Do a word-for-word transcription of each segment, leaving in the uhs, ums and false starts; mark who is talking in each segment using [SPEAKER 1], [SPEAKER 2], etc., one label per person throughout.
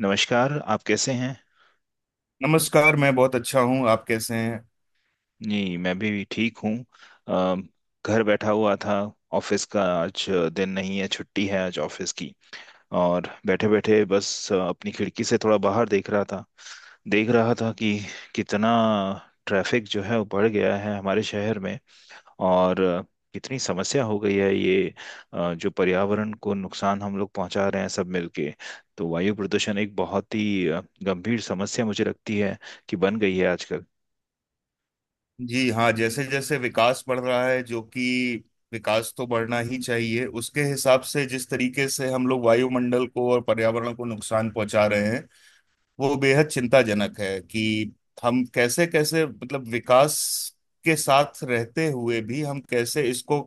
[SPEAKER 1] नमस्कार। आप कैसे हैं?
[SPEAKER 2] नमस्कार। मैं बहुत अच्छा हूँ। आप कैसे हैं?
[SPEAKER 1] जी, मैं भी ठीक हूँ। अ, घर बैठा हुआ था। ऑफिस का आज दिन नहीं है, छुट्टी है आज ऑफिस की। और बैठे बैठे बस अ, अपनी खिड़की से थोड़ा बाहर देख रहा था। देख रहा था कि कितना ट्रैफिक जो है वो बढ़ गया है हमारे शहर में। और अ, कितनी समस्या हो गई है ये। अ, जो पर्यावरण को नुकसान हम लोग पहुंचा रहे हैं सब मिलके, तो वायु प्रदूषण एक बहुत ही अ, गंभीर समस्या मुझे लगती है कि बन गई है आजकल।
[SPEAKER 2] जी हाँ, जैसे जैसे विकास बढ़ रहा है, जो कि विकास तो बढ़ना ही चाहिए, उसके हिसाब से जिस तरीके से हम लोग वायुमंडल को और पर्यावरण को नुकसान पहुंचा रहे हैं वो बेहद चिंताजनक है। कि हम कैसे कैसे, मतलब विकास के साथ रहते हुए भी हम कैसे इसको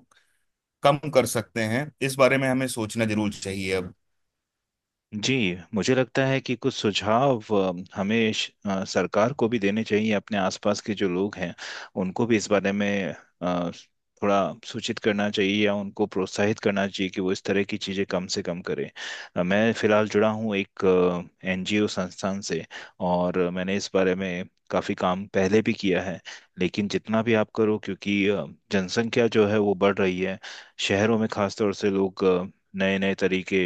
[SPEAKER 2] कम कर सकते हैं, इस बारे में हमें सोचना जरूर चाहिए अब।
[SPEAKER 1] जी, मुझे लगता है कि कुछ सुझाव अ, हमें श- अ, सरकार को भी देने चाहिए। अपने आसपास के जो लोग हैं उनको भी इस बारे में अ, थोड़ा सूचित करना चाहिए या उनको प्रोत्साहित करना चाहिए कि वो इस तरह की चीज़ें कम से कम करें। अ, मैं फ़िलहाल जुड़ा हूँ एक एनजीओ संस्थान से, और मैंने इस बारे में काफ़ी काम पहले भी किया है। लेकिन जितना भी आप करो, क्योंकि अ, जनसंख्या जो है वो बढ़ रही है। शहरों में खासतौर से लोग नए नए तरीके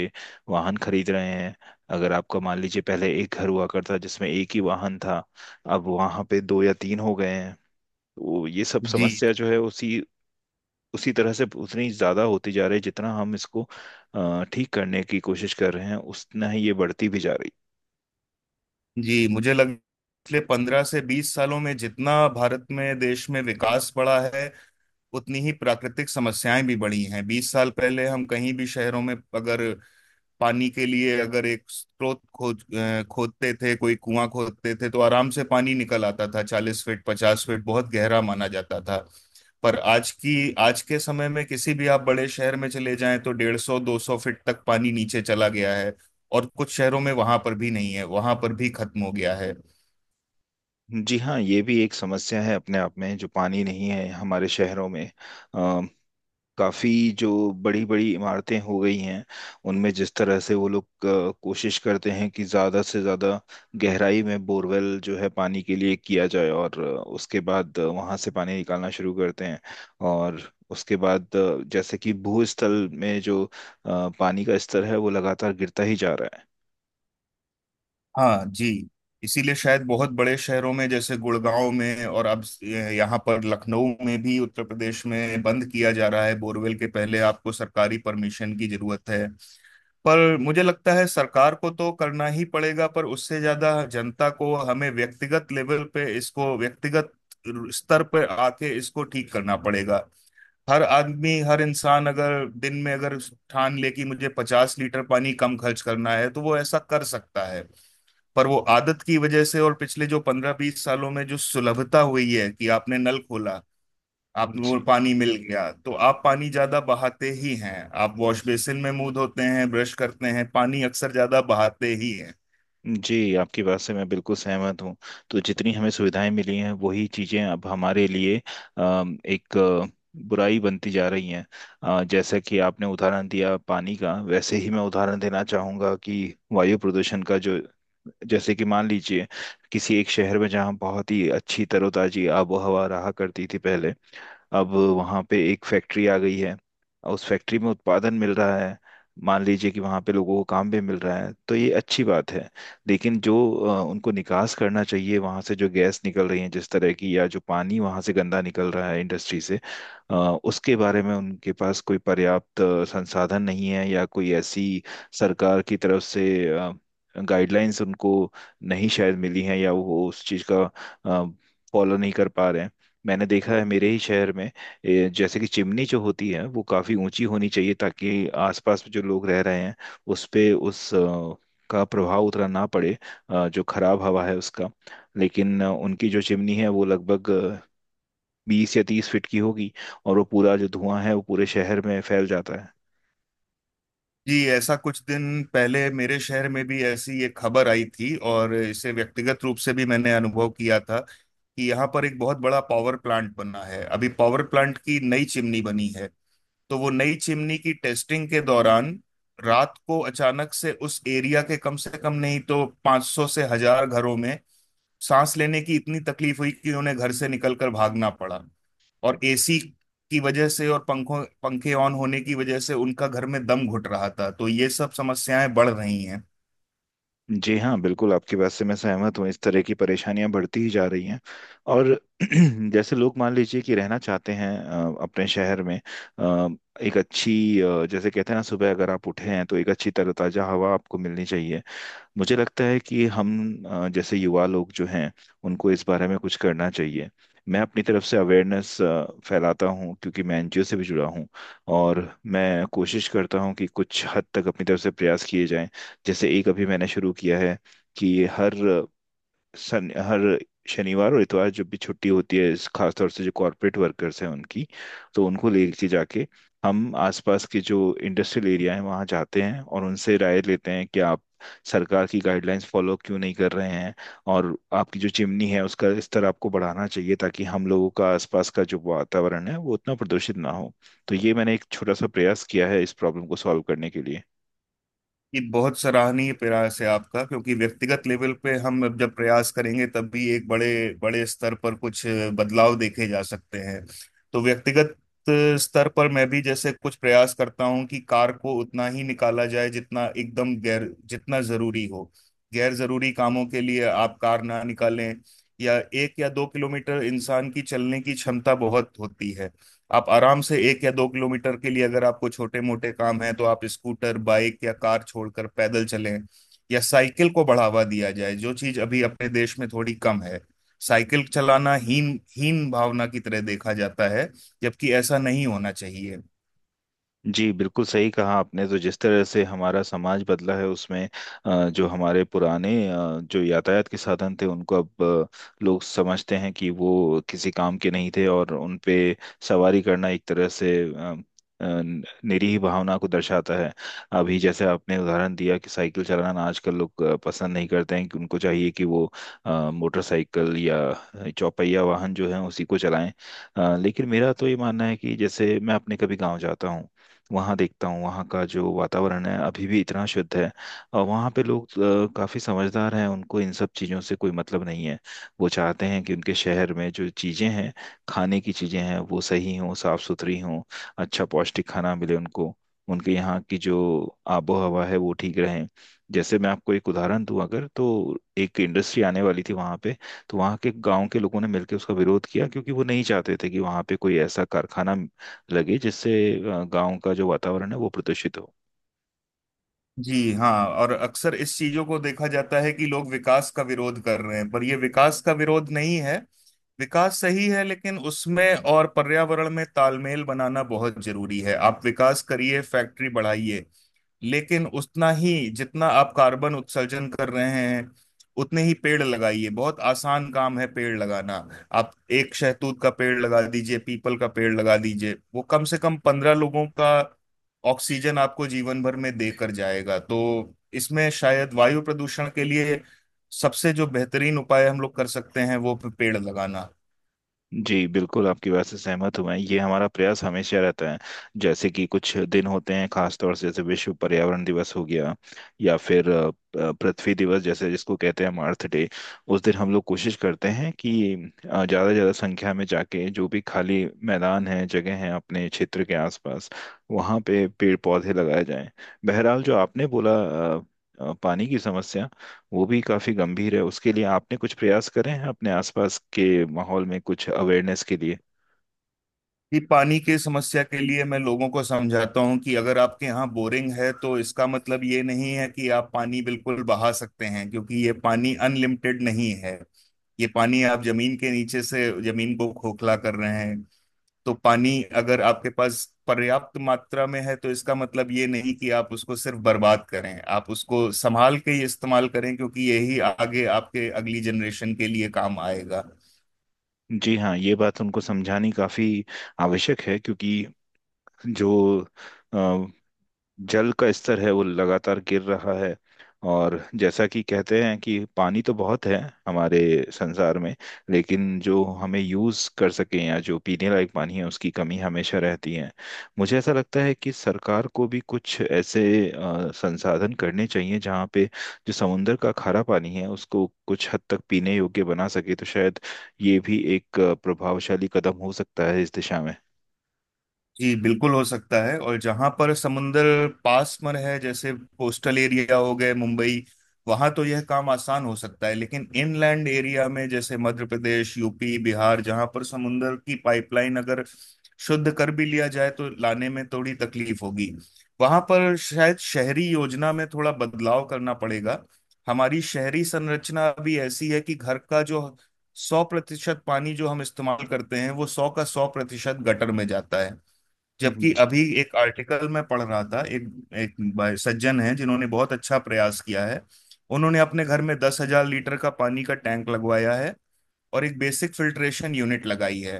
[SPEAKER 1] वाहन खरीद रहे हैं। अगर आपका मान लीजिए, पहले एक घर हुआ करता जिसमें एक ही वाहन था, अब वहां पे दो या तीन हो गए हैं। तो ये सब
[SPEAKER 2] जी।
[SPEAKER 1] समस्या जो है उसी उसी तरह से उतनी ज्यादा होती जा रही है, जितना हम इसको अ, ठीक करने की कोशिश कर रहे हैं उतना ही ये बढ़ती भी जा रही
[SPEAKER 2] जी, मुझे लग पिछले पंद्रह से बीस सालों में जितना भारत में, देश में विकास बढ़ा है उतनी ही प्राकृतिक समस्याएं भी बढ़ी हैं। बीस साल पहले हम कहीं भी शहरों में अगर पानी के लिए अगर एक स्रोत खोज अ, खोदते थे, कोई कुआं खोदते थे, तो आराम से पानी निकल आता था। चालीस फीट पचास फीट बहुत गहरा माना जाता था। पर आज की आज के समय में किसी भी आप बड़े शहर में चले जाएं तो डेढ़ सौ दो सौ फीट तक पानी नीचे चला गया है। और कुछ शहरों में वहां पर भी नहीं है, वहां पर भी खत्म हो गया है।
[SPEAKER 1] है। जी हाँ, ये भी एक समस्या है अपने आप में, जो पानी नहीं है हमारे शहरों में। काफी जो बड़ी बड़ी इमारतें हो गई हैं उनमें जिस तरह से वो लोग अ, कोशिश करते हैं कि ज्यादा से ज्यादा गहराई में बोरवेल जो है पानी के लिए किया जाए, और अ, उसके बाद वहां से पानी निकालना शुरू करते हैं। और उसके बाद अ, जैसे कि भूस्थल में जो अ, पानी का स्तर है वो लगातार गिरता ही जा रहा है।
[SPEAKER 2] हाँ जी। इसीलिए शायद बहुत बड़े शहरों में जैसे गुड़गांव में और अब यहाँ पर लखनऊ में भी, उत्तर प्रदेश में बंद किया जा रहा है, बोरवेल के पहले आपको सरकारी परमिशन की जरूरत है। पर मुझे लगता है सरकार को तो करना ही पड़ेगा, पर उससे ज्यादा जनता को, हमें व्यक्तिगत लेवल पे इसको, व्यक्तिगत स्तर पर आके इसको ठीक करना पड़ेगा। हर आदमी, हर इंसान अगर दिन में अगर ठान ले कि मुझे पचास लीटर पानी कम खर्च करना है तो वो ऐसा कर सकता है। पर वो आदत की वजह से, और पिछले जो पंद्रह बीस सालों में जो सुलभता हुई है कि आपने नल खोला, आप वो
[SPEAKER 1] जी।
[SPEAKER 2] पानी मिल गया, तो आप पानी ज्यादा बहाते ही हैं। आप वॉश बेसिन में मुंह धोते हैं, ब्रश करते हैं, पानी अक्सर ज्यादा बहाते ही हैं।
[SPEAKER 1] जी, आपकी बात से मैं बिल्कुल सहमत हूँ। तो जितनी हमें सुविधाएं मिली हैं वही चीज़ें अब हमारे लिए अम, एक अ, बुराई बनती जा रही हैं। अ, जैसा कि आपने उदाहरण दिया पानी का, वैसे ही मैं उदाहरण देना चाहूँगा कि वायु प्रदूषण का जो, जैसे कि मान लीजिए किसी एक शहर में जहाँ बहुत ही अच्छी तरोताजी आबो हवा रहा करती थी पहले, अब वहाँ पे एक फैक्ट्री आ गई है और उस फैक्ट्री में उत्पादन मिल रहा है। मान लीजिए कि वहाँ पे लोगों को काम भी मिल रहा है, तो ये अच्छी बात है। लेकिन जो अ, उनको निकास करना चाहिए वहाँ से, जो गैस निकल रही है जिस तरह की, या जो पानी वहाँ से गंदा निकल रहा है इंडस्ट्री से, अ, उसके बारे में उनके पास कोई पर्याप्त अ, संसाधन नहीं है, या कोई ऐसी सरकार की तरफ से गाइडलाइंस उनको नहीं शायद मिली हैं, या वो उस चीज़ का फॉलो नहीं कर पा रहे हैं। मैंने देखा है मेरे ही शहर में, ए, जैसे कि चिमनी जो होती है वो काफी ऊंची होनी चाहिए, ताकि आसपास में जो लोग रह रहे हैं उस पे उस अ, का प्रभाव उतना ना पड़े, अ, जो खराब हवा है उसका। लेकिन अ, उनकी जो चिमनी है वो लगभग बीस या तीस फीट की होगी, और वो पूरा जो धुआं है वो पूरे शहर में फैल जाता है।
[SPEAKER 2] जी। ऐसा कुछ दिन पहले मेरे शहर में भी ऐसी एक खबर आई थी और इसे व्यक्तिगत रूप से भी मैंने अनुभव किया था, कि यहाँ पर एक बहुत बड़ा पावर प्लांट बना है। अभी पावर प्लांट की नई चिमनी बनी है। तो वो नई चिमनी की टेस्टिंग के दौरान रात को अचानक से उस एरिया के कम से कम नहीं तो पांच सौ से हजार घरों में सांस लेने की इतनी तकलीफ हुई कि उन्हें घर से निकलकर भागना पड़ा। और एसी की वजह से और पंखों पंखे ऑन होने की वजह से उनका घर में दम घुट रहा था। तो ये सब समस्याएं बढ़ रही हैं।
[SPEAKER 1] जी हाँ, बिल्कुल आपकी बात से मैं सहमत हूँ, इस तरह की परेशानियां बढ़ती ही जा रही हैं। और जैसे लोग मान लीजिए कि रहना चाहते हैं अ, अपने शहर में, अ, एक अच्छी अ, जैसे कहते हैं ना, सुबह अगर आप उठे हैं तो एक अच्छी तरोताजा हवा आपको मिलनी चाहिए। मुझे लगता है कि हम अ, जैसे युवा लोग जो हैं उनको इस बारे में कुछ करना चाहिए। मैं अपनी तरफ से अवेयरनेस फैलाता हूँ, क्योंकि मैं एनजीओ से भी जुड़ा हूँ, और मैं कोशिश करता हूँ कि कुछ हद तक अपनी तरफ से प्रयास किए जाएं। जैसे एक अभी मैंने शुरू किया है कि हर सन हर शनिवार और इतवार जब भी छुट्टी होती है, इस खासतौर से जो कॉरपोरेट वर्कर्स हैं उनकी, तो उनको लेके जाके हम आसपास के जो इंडस्ट्रियल एरिया हैं वहाँ जाते हैं, और उनसे राय लेते हैं कि आप सरकार की गाइडलाइंस फॉलो क्यों नहीं कर रहे हैं, और आपकी जो चिमनी है उसका स्तर आपको बढ़ाना चाहिए, ताकि हम लोगों का आसपास का जो वातावरण है वो उतना प्रदूषित ना हो। तो ये मैंने एक छोटा सा प्रयास किया है इस प्रॉब्लम को सॉल्व करने के लिए।
[SPEAKER 2] ये बहुत सराहनीय प्रयास है आपका, क्योंकि व्यक्तिगत लेवल पे हम अब जब प्रयास करेंगे तब भी एक बड़े बड़े स्तर पर कुछ बदलाव देखे जा सकते हैं। तो व्यक्तिगत स्तर पर मैं भी जैसे कुछ प्रयास करता हूँ कि कार को उतना ही निकाला जाए जितना एकदम गैर, जितना जरूरी हो। गैर जरूरी कामों के लिए आप कार ना निकालें। या एक या दो किलोमीटर इंसान की चलने की क्षमता बहुत होती है। आप आराम से एक या दो किलोमीटर के लिए, अगर आपको छोटे मोटे काम है तो आप स्कूटर, बाइक या कार छोड़कर पैदल चलें। या साइकिल को बढ़ावा दिया जाए, जो चीज अभी अपने देश में थोड़ी कम है। साइकिल चलाना हीन हीन भावना की तरह देखा जाता है। जबकि ऐसा नहीं होना चाहिए।
[SPEAKER 1] जी, बिल्कुल सही कहा आपने। तो जिस तरह से हमारा समाज बदला है उसमें अ, जो हमारे पुराने अ, जो यातायात के साधन थे उनको अब अ, लोग समझते हैं कि वो किसी काम के नहीं थे, और उन पे सवारी करना एक तरह से अ, अ, निरीह भावना को दर्शाता है। अभी जैसे आपने उदाहरण दिया कि साइकिल चलाना आजकल लोग अ, पसंद नहीं करते हैं, कि उनको चाहिए कि वो अ, मोटरसाइकिल या चौपहिया वाहन जो है उसी को चलाएं। अ, लेकिन मेरा तो ये मानना है कि जैसे मैं अपने कभी गांव जाता हूँ, वहाँ देखता हूँ वहाँ का जो वातावरण है अभी भी इतना शुद्ध है। और वहाँ पे लोग अ, काफी समझदार हैं, उनको इन सब चीज़ों से कोई मतलब नहीं है। वो चाहते हैं कि उनके शहर में जो चीज़ें हैं, खाने की चीज़ें हैं वो सही हों, साफ सुथरी हों, अच्छा पौष्टिक खाना मिले उनको, उनके यहाँ की जो आबो हवा है वो ठीक रहे। जैसे मैं आपको एक उदाहरण दूं, अगर तो एक इंडस्ट्री आने वाली थी वहाँ पे, तो वहाँ के गांव के लोगों ने मिलकर उसका विरोध किया, क्योंकि वो नहीं चाहते थे कि वहाँ पे कोई ऐसा कारखाना लगे जिससे गांव का जो वातावरण है वो प्रदूषित हो।
[SPEAKER 2] जी हाँ, और अक्सर इस चीजों को देखा जाता है कि लोग विकास का विरोध कर रहे हैं, पर ये विकास का विरोध नहीं है। विकास सही है, लेकिन उसमें और पर्यावरण में तालमेल बनाना बहुत जरूरी है। आप विकास करिए, फैक्ट्री बढ़ाइए, लेकिन उतना ही जितना आप कार्बन उत्सर्जन कर रहे हैं उतने ही पेड़ लगाइए। बहुत आसान काम है पेड़ लगाना। आप एक शहतूत का पेड़ लगा दीजिए, पीपल का पेड़ लगा दीजिए, वो कम से कम पंद्रह लोगों का ऑक्सीजन आपको जीवन भर में देकर जाएगा। तो इसमें शायद वायु प्रदूषण के लिए सबसे जो बेहतरीन उपाय हम लोग कर सकते हैं वो पेड़ लगाना।
[SPEAKER 1] जी, बिल्कुल आपकी बात से सहमत हूं मैं। ये हमारा प्रयास हमेशा रहता है, जैसे कि कुछ दिन होते हैं खास तौर से, जैसे विश्व पर्यावरण दिवस हो गया, या फिर अ, अ, पृथ्वी दिवस, जैसे जिसको कहते हैं हम अर्थ डे, उस दिन हम लोग कोशिश करते हैं कि ज़्यादा से ज़्यादा संख्या में जाके, जो भी खाली मैदान है जगह है अपने क्षेत्र के आसपास, वहाँ पे पेड़ पौधे लगाए जाएं। बहरहाल, जो आपने बोला अ, अ, पानी की समस्या, वो भी काफी गंभीर है। उसके लिए आपने कुछ प्रयास करे हैं अपने आसपास के माहौल में कुछ अवेयरनेस के लिए।
[SPEAKER 2] कि पानी की समस्या के लिए मैं लोगों को समझाता हूँ कि अगर आपके यहाँ बोरिंग है तो इसका मतलब ये नहीं है कि आप पानी बिल्कुल बहा सकते हैं, क्योंकि ये पानी अनलिमिटेड नहीं है। ये पानी आप जमीन के नीचे से, जमीन को खोखला कर रहे हैं। तो पानी अगर आपके पास पर्याप्त मात्रा में है तो इसका मतलब ये नहीं कि आप उसको सिर्फ बर्बाद करें। आप उसको संभाल के ही इस्तेमाल करें, क्योंकि यही आगे आपके अगली जनरेशन के लिए काम आएगा।
[SPEAKER 1] जी हाँ, ये बात उनको समझानी काफी आवश्यक है, क्योंकि जो जल का स्तर है वो लगातार गिर रहा है। और जैसा कि कहते हैं कि पानी तो बहुत है हमारे संसार में, लेकिन जो हमें यूज़ कर सकें या जो पीने लायक पानी है उसकी कमी हमेशा रहती है। मुझे ऐसा लगता है कि सरकार को भी कुछ ऐसे अ, संसाधन करने चाहिए जहाँ पे जो समुंदर का खारा पानी है उसको कुछ हद तक पीने योग्य बना सके, तो शायद ये भी एक अ, प्रभावशाली कदम हो सकता है इस दिशा में।
[SPEAKER 2] जी बिल्कुल, हो सकता है। और जहां पर समुंदर पास में है, जैसे कोस्टल एरिया हो गए मुंबई, वहां तो यह काम आसान हो सकता है। लेकिन इनलैंड एरिया में, जैसे मध्य प्रदेश, यूपी, बिहार, जहां पर समुंदर की पाइपलाइन अगर शुद्ध कर भी लिया जाए तो लाने में थोड़ी तकलीफ होगी। वहां पर शायद शहरी योजना में थोड़ा बदलाव करना पड़ेगा। हमारी शहरी संरचना अभी ऐसी है कि घर का जो सौ प्रतिशत पानी जो हम इस्तेमाल करते हैं वो सौ का सौ प्रतिशत गटर में जाता है।
[SPEAKER 1] हम्म।
[SPEAKER 2] जबकि अभी एक आर्टिकल मैं पढ़ रहा था, एक एक भाई- सज्जन है जिन्होंने बहुत अच्छा प्रयास किया है। उन्होंने अपने घर में दस हजार लीटर का पानी का टैंक लगवाया है और एक बेसिक फिल्ट्रेशन यूनिट लगाई है।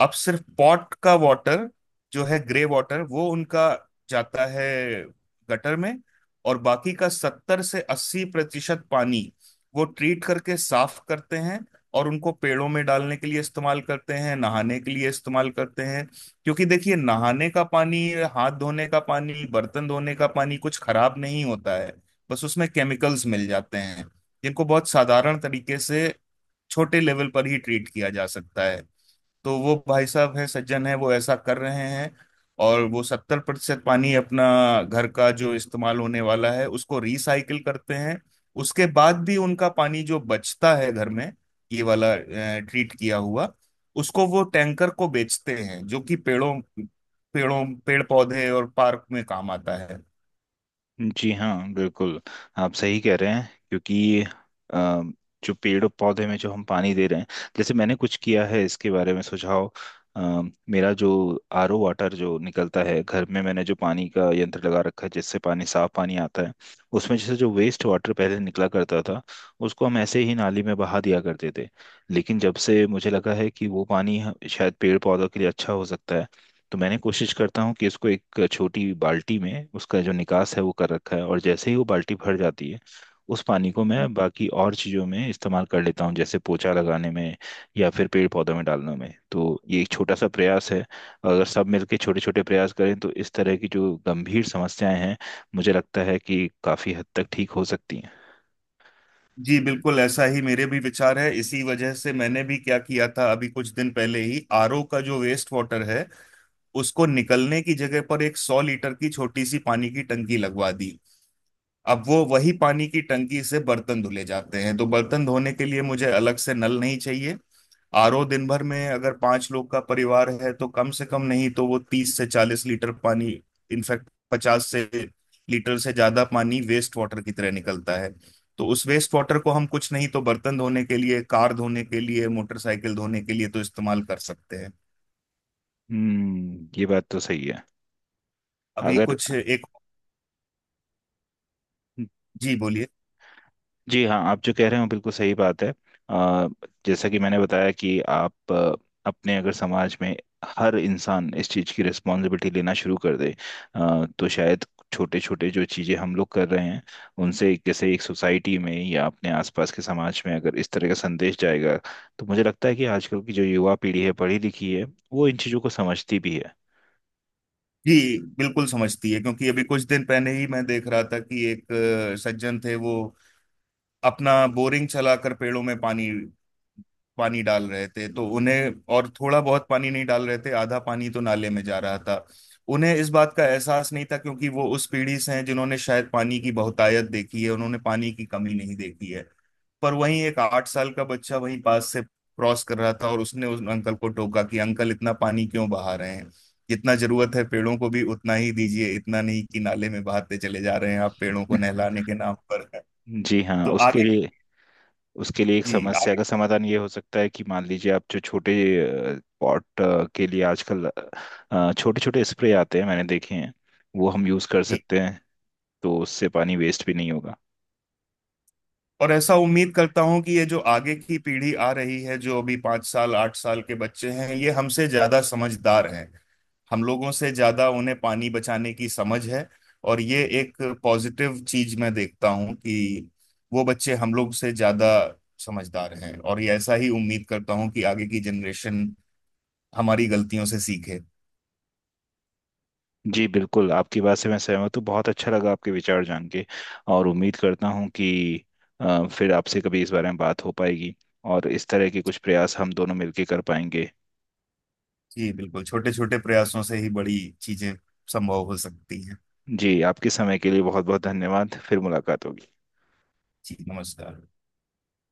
[SPEAKER 2] अब सिर्फ पॉट का वाटर जो है, ग्रे वाटर, वो उनका जाता है गटर में। और बाकी का सत्तर से अस्सी प्रतिशत पानी वो ट्रीट करके साफ करते हैं, और उनको पेड़ों में डालने के लिए इस्तेमाल करते हैं, नहाने के लिए इस्तेमाल करते हैं। क्योंकि देखिए, नहाने का पानी, हाथ धोने का पानी, बर्तन धोने का पानी कुछ खराब नहीं होता है। बस उसमें केमिकल्स मिल जाते हैं, जिनको बहुत साधारण तरीके से छोटे लेवल पर ही ट्रीट किया जा सकता है। तो वो भाई साहब हैं, सज्जन हैं, वो ऐसा कर रहे हैं। और वो सत्तर प्रतिशत पानी अपना घर का जो इस्तेमाल होने वाला है उसको रिसाइकिल करते हैं। उसके बाद भी उनका पानी जो बचता है घर में, ये वाला ट्रीट किया हुआ, उसको वो टैंकर को बेचते हैं, जो कि पेड़ों पेड़ों पेड़ पौधे और पार्क में काम आता है।
[SPEAKER 1] जी हाँ, बिल्कुल, आप सही कह रहे हैं। क्योंकि अ, जो पेड़ और पौधे में जो हम पानी दे रहे हैं, जैसे मैंने कुछ किया है इसके बारे में सुझाव। अ, मेरा जो आरओ वाटर जो निकलता है घर में, मैंने जो पानी का यंत्र लगा रखा है जिससे पानी, साफ पानी आता है, उसमें जैसे जो वेस्ट वाटर पहले निकला करता था उसको हम ऐसे ही नाली में बहा दिया करते थे। लेकिन जब से मुझे लगा है कि वो पानी ह- शायद पेड़ पौधों के लिए अच्छा हो सकता है, तो मैंने कोशिश करता हूँ कि इसको एक छोटी बाल्टी में, उसका जो निकास है वो कर रखा है, और जैसे ही वो बाल्टी भर जाती है उस पानी को मैं बाकी और चीज़ों में इस्तेमाल कर लेता हूँ, जैसे पोछा लगाने में, या फिर पेड़ पौधों में डालने में। तो ये एक छोटा सा प्रयास है, और अगर सब मिलके छोटे छोटे प्रयास करें तो इस तरह की जो गंभीर समस्याएं हैं, मुझे लगता है कि काफ़ी हद तक ठीक हो सकती हैं।
[SPEAKER 2] जी बिल्कुल, ऐसा ही मेरे भी विचार है। इसी वजह से मैंने भी क्या किया था, अभी कुछ दिन पहले ही, आरओ का जो वेस्ट वाटर है उसको निकलने की जगह पर एक सौ लीटर की छोटी सी पानी की टंकी लगवा दी। अब वो वही पानी की टंकी से बर्तन धुले जाते हैं, तो बर्तन धोने के लिए मुझे अलग से नल नहीं चाहिए। आरओ दिन भर में, अगर पांच लोग का परिवार है, तो कम से कम नहीं तो वो तीस से चालीस लीटर पानी, इनफैक्ट पचास से लीटर से ज्यादा पानी वेस्ट वाटर की तरह निकलता है। तो उस वेस्ट वाटर को हम कुछ नहीं तो बर्तन धोने के लिए, कार धोने के लिए, मोटरसाइकिल धोने के लिए तो इस्तेमाल कर सकते हैं।
[SPEAKER 1] हम्म, ये बात तो सही है।
[SPEAKER 2] अभी
[SPEAKER 1] अगर
[SPEAKER 2] कुछ एक। जी बोलिए।
[SPEAKER 1] जी हाँ, आप जो कह रहे हो बिल्कुल सही बात है। अ, जैसा कि मैंने बताया कि आप अ, अपने अगर समाज में हर इंसान इस चीज़ की रिस्पॉन्सिबिलिटी लेना शुरू कर दे, अ, तो शायद छोटे छोटे जो चीज़ें हम लोग कर रहे हैं उनसे, एक- जैसे एक सोसाइटी में या अपने आसपास के समाज में अगर इस तरह का संदेश जाएगा, तो मुझे लगता है कि आजकल की जो युवा पीढ़ी है, पढ़ी लिखी है, वो इन चीज़ों को समझती भी है।
[SPEAKER 2] जी बिल्कुल समझती है, क्योंकि अभी कुछ दिन पहले ही मैं देख रहा था कि एक अ, सज्जन थे, वो अपना बोरिंग चलाकर पेड़ों में पानी पानी डाल रहे थे, तो उन्हें, और थोड़ा बहुत पानी नहीं डाल रहे थे, आधा पानी तो नाले में जा रहा था। उन्हें इस बात का एहसास नहीं था, क्योंकि वो उस पीढ़ी से हैं जिन्होंने शायद पानी की बहुतायत देखी है, उन्होंने पानी की कमी नहीं देखी है। पर वहीं एक आठ साल का बच्चा वहीं पास से क्रॉस कर रहा था और उसने उस अंकल को टोका कि अंकल इतना पानी क्यों बहा रहे हैं? जितना जरूरत है पेड़ों को भी उतना ही दीजिए, इतना नहीं कि नाले में बहाते चले जा रहे हैं आप पेड़ों को नहलाने के नाम पर।
[SPEAKER 1] जी हाँ,
[SPEAKER 2] तो
[SPEAKER 1] उसके
[SPEAKER 2] आगे।
[SPEAKER 1] लिए उसके लिए एक
[SPEAKER 2] जी
[SPEAKER 1] समस्या
[SPEAKER 2] आगे।
[SPEAKER 1] का समाधान ये हो सकता है कि मान लीजिए आप जो छोटे पॉट के लिए आजकल छोटे छोटे स्प्रे आते हैं, मैंने देखे हैं, वो हम यूज़ कर सकते हैं, तो उससे पानी वेस्ट भी नहीं होगा।
[SPEAKER 2] और ऐसा उम्मीद करता हूं कि ये जो आगे की पीढ़ी आ रही है, जो अभी पाँच साल आठ साल के बच्चे हैं, ये हमसे ज्यादा समझदार हैं। हम लोगों से ज्यादा उन्हें पानी बचाने की समझ है। और ये एक पॉजिटिव चीज मैं देखता हूं, कि वो बच्चे हम लोग से ज्यादा समझदार हैं। और ये ऐसा ही उम्मीद करता हूं कि आगे की जनरेशन हमारी गलतियों से सीखे।
[SPEAKER 1] जी बिल्कुल, आपकी बात से मैं सहमत हूँ, बहुत अच्छा लगा आपके विचार जान के। और उम्मीद करता हूँ कि अ, फिर आपसे कभी इस बारे में बात हो पाएगी, और इस तरह के कुछ प्रयास हम दोनों मिलकर कर पाएंगे।
[SPEAKER 2] जी बिल्कुल, छोटे छोटे प्रयासों से ही बड़ी चीजें संभव हो सकती हैं।
[SPEAKER 1] जी, आपके समय के लिए बहुत बहुत धन्यवाद, फिर मुलाकात होगी।
[SPEAKER 2] जी नमस्कार।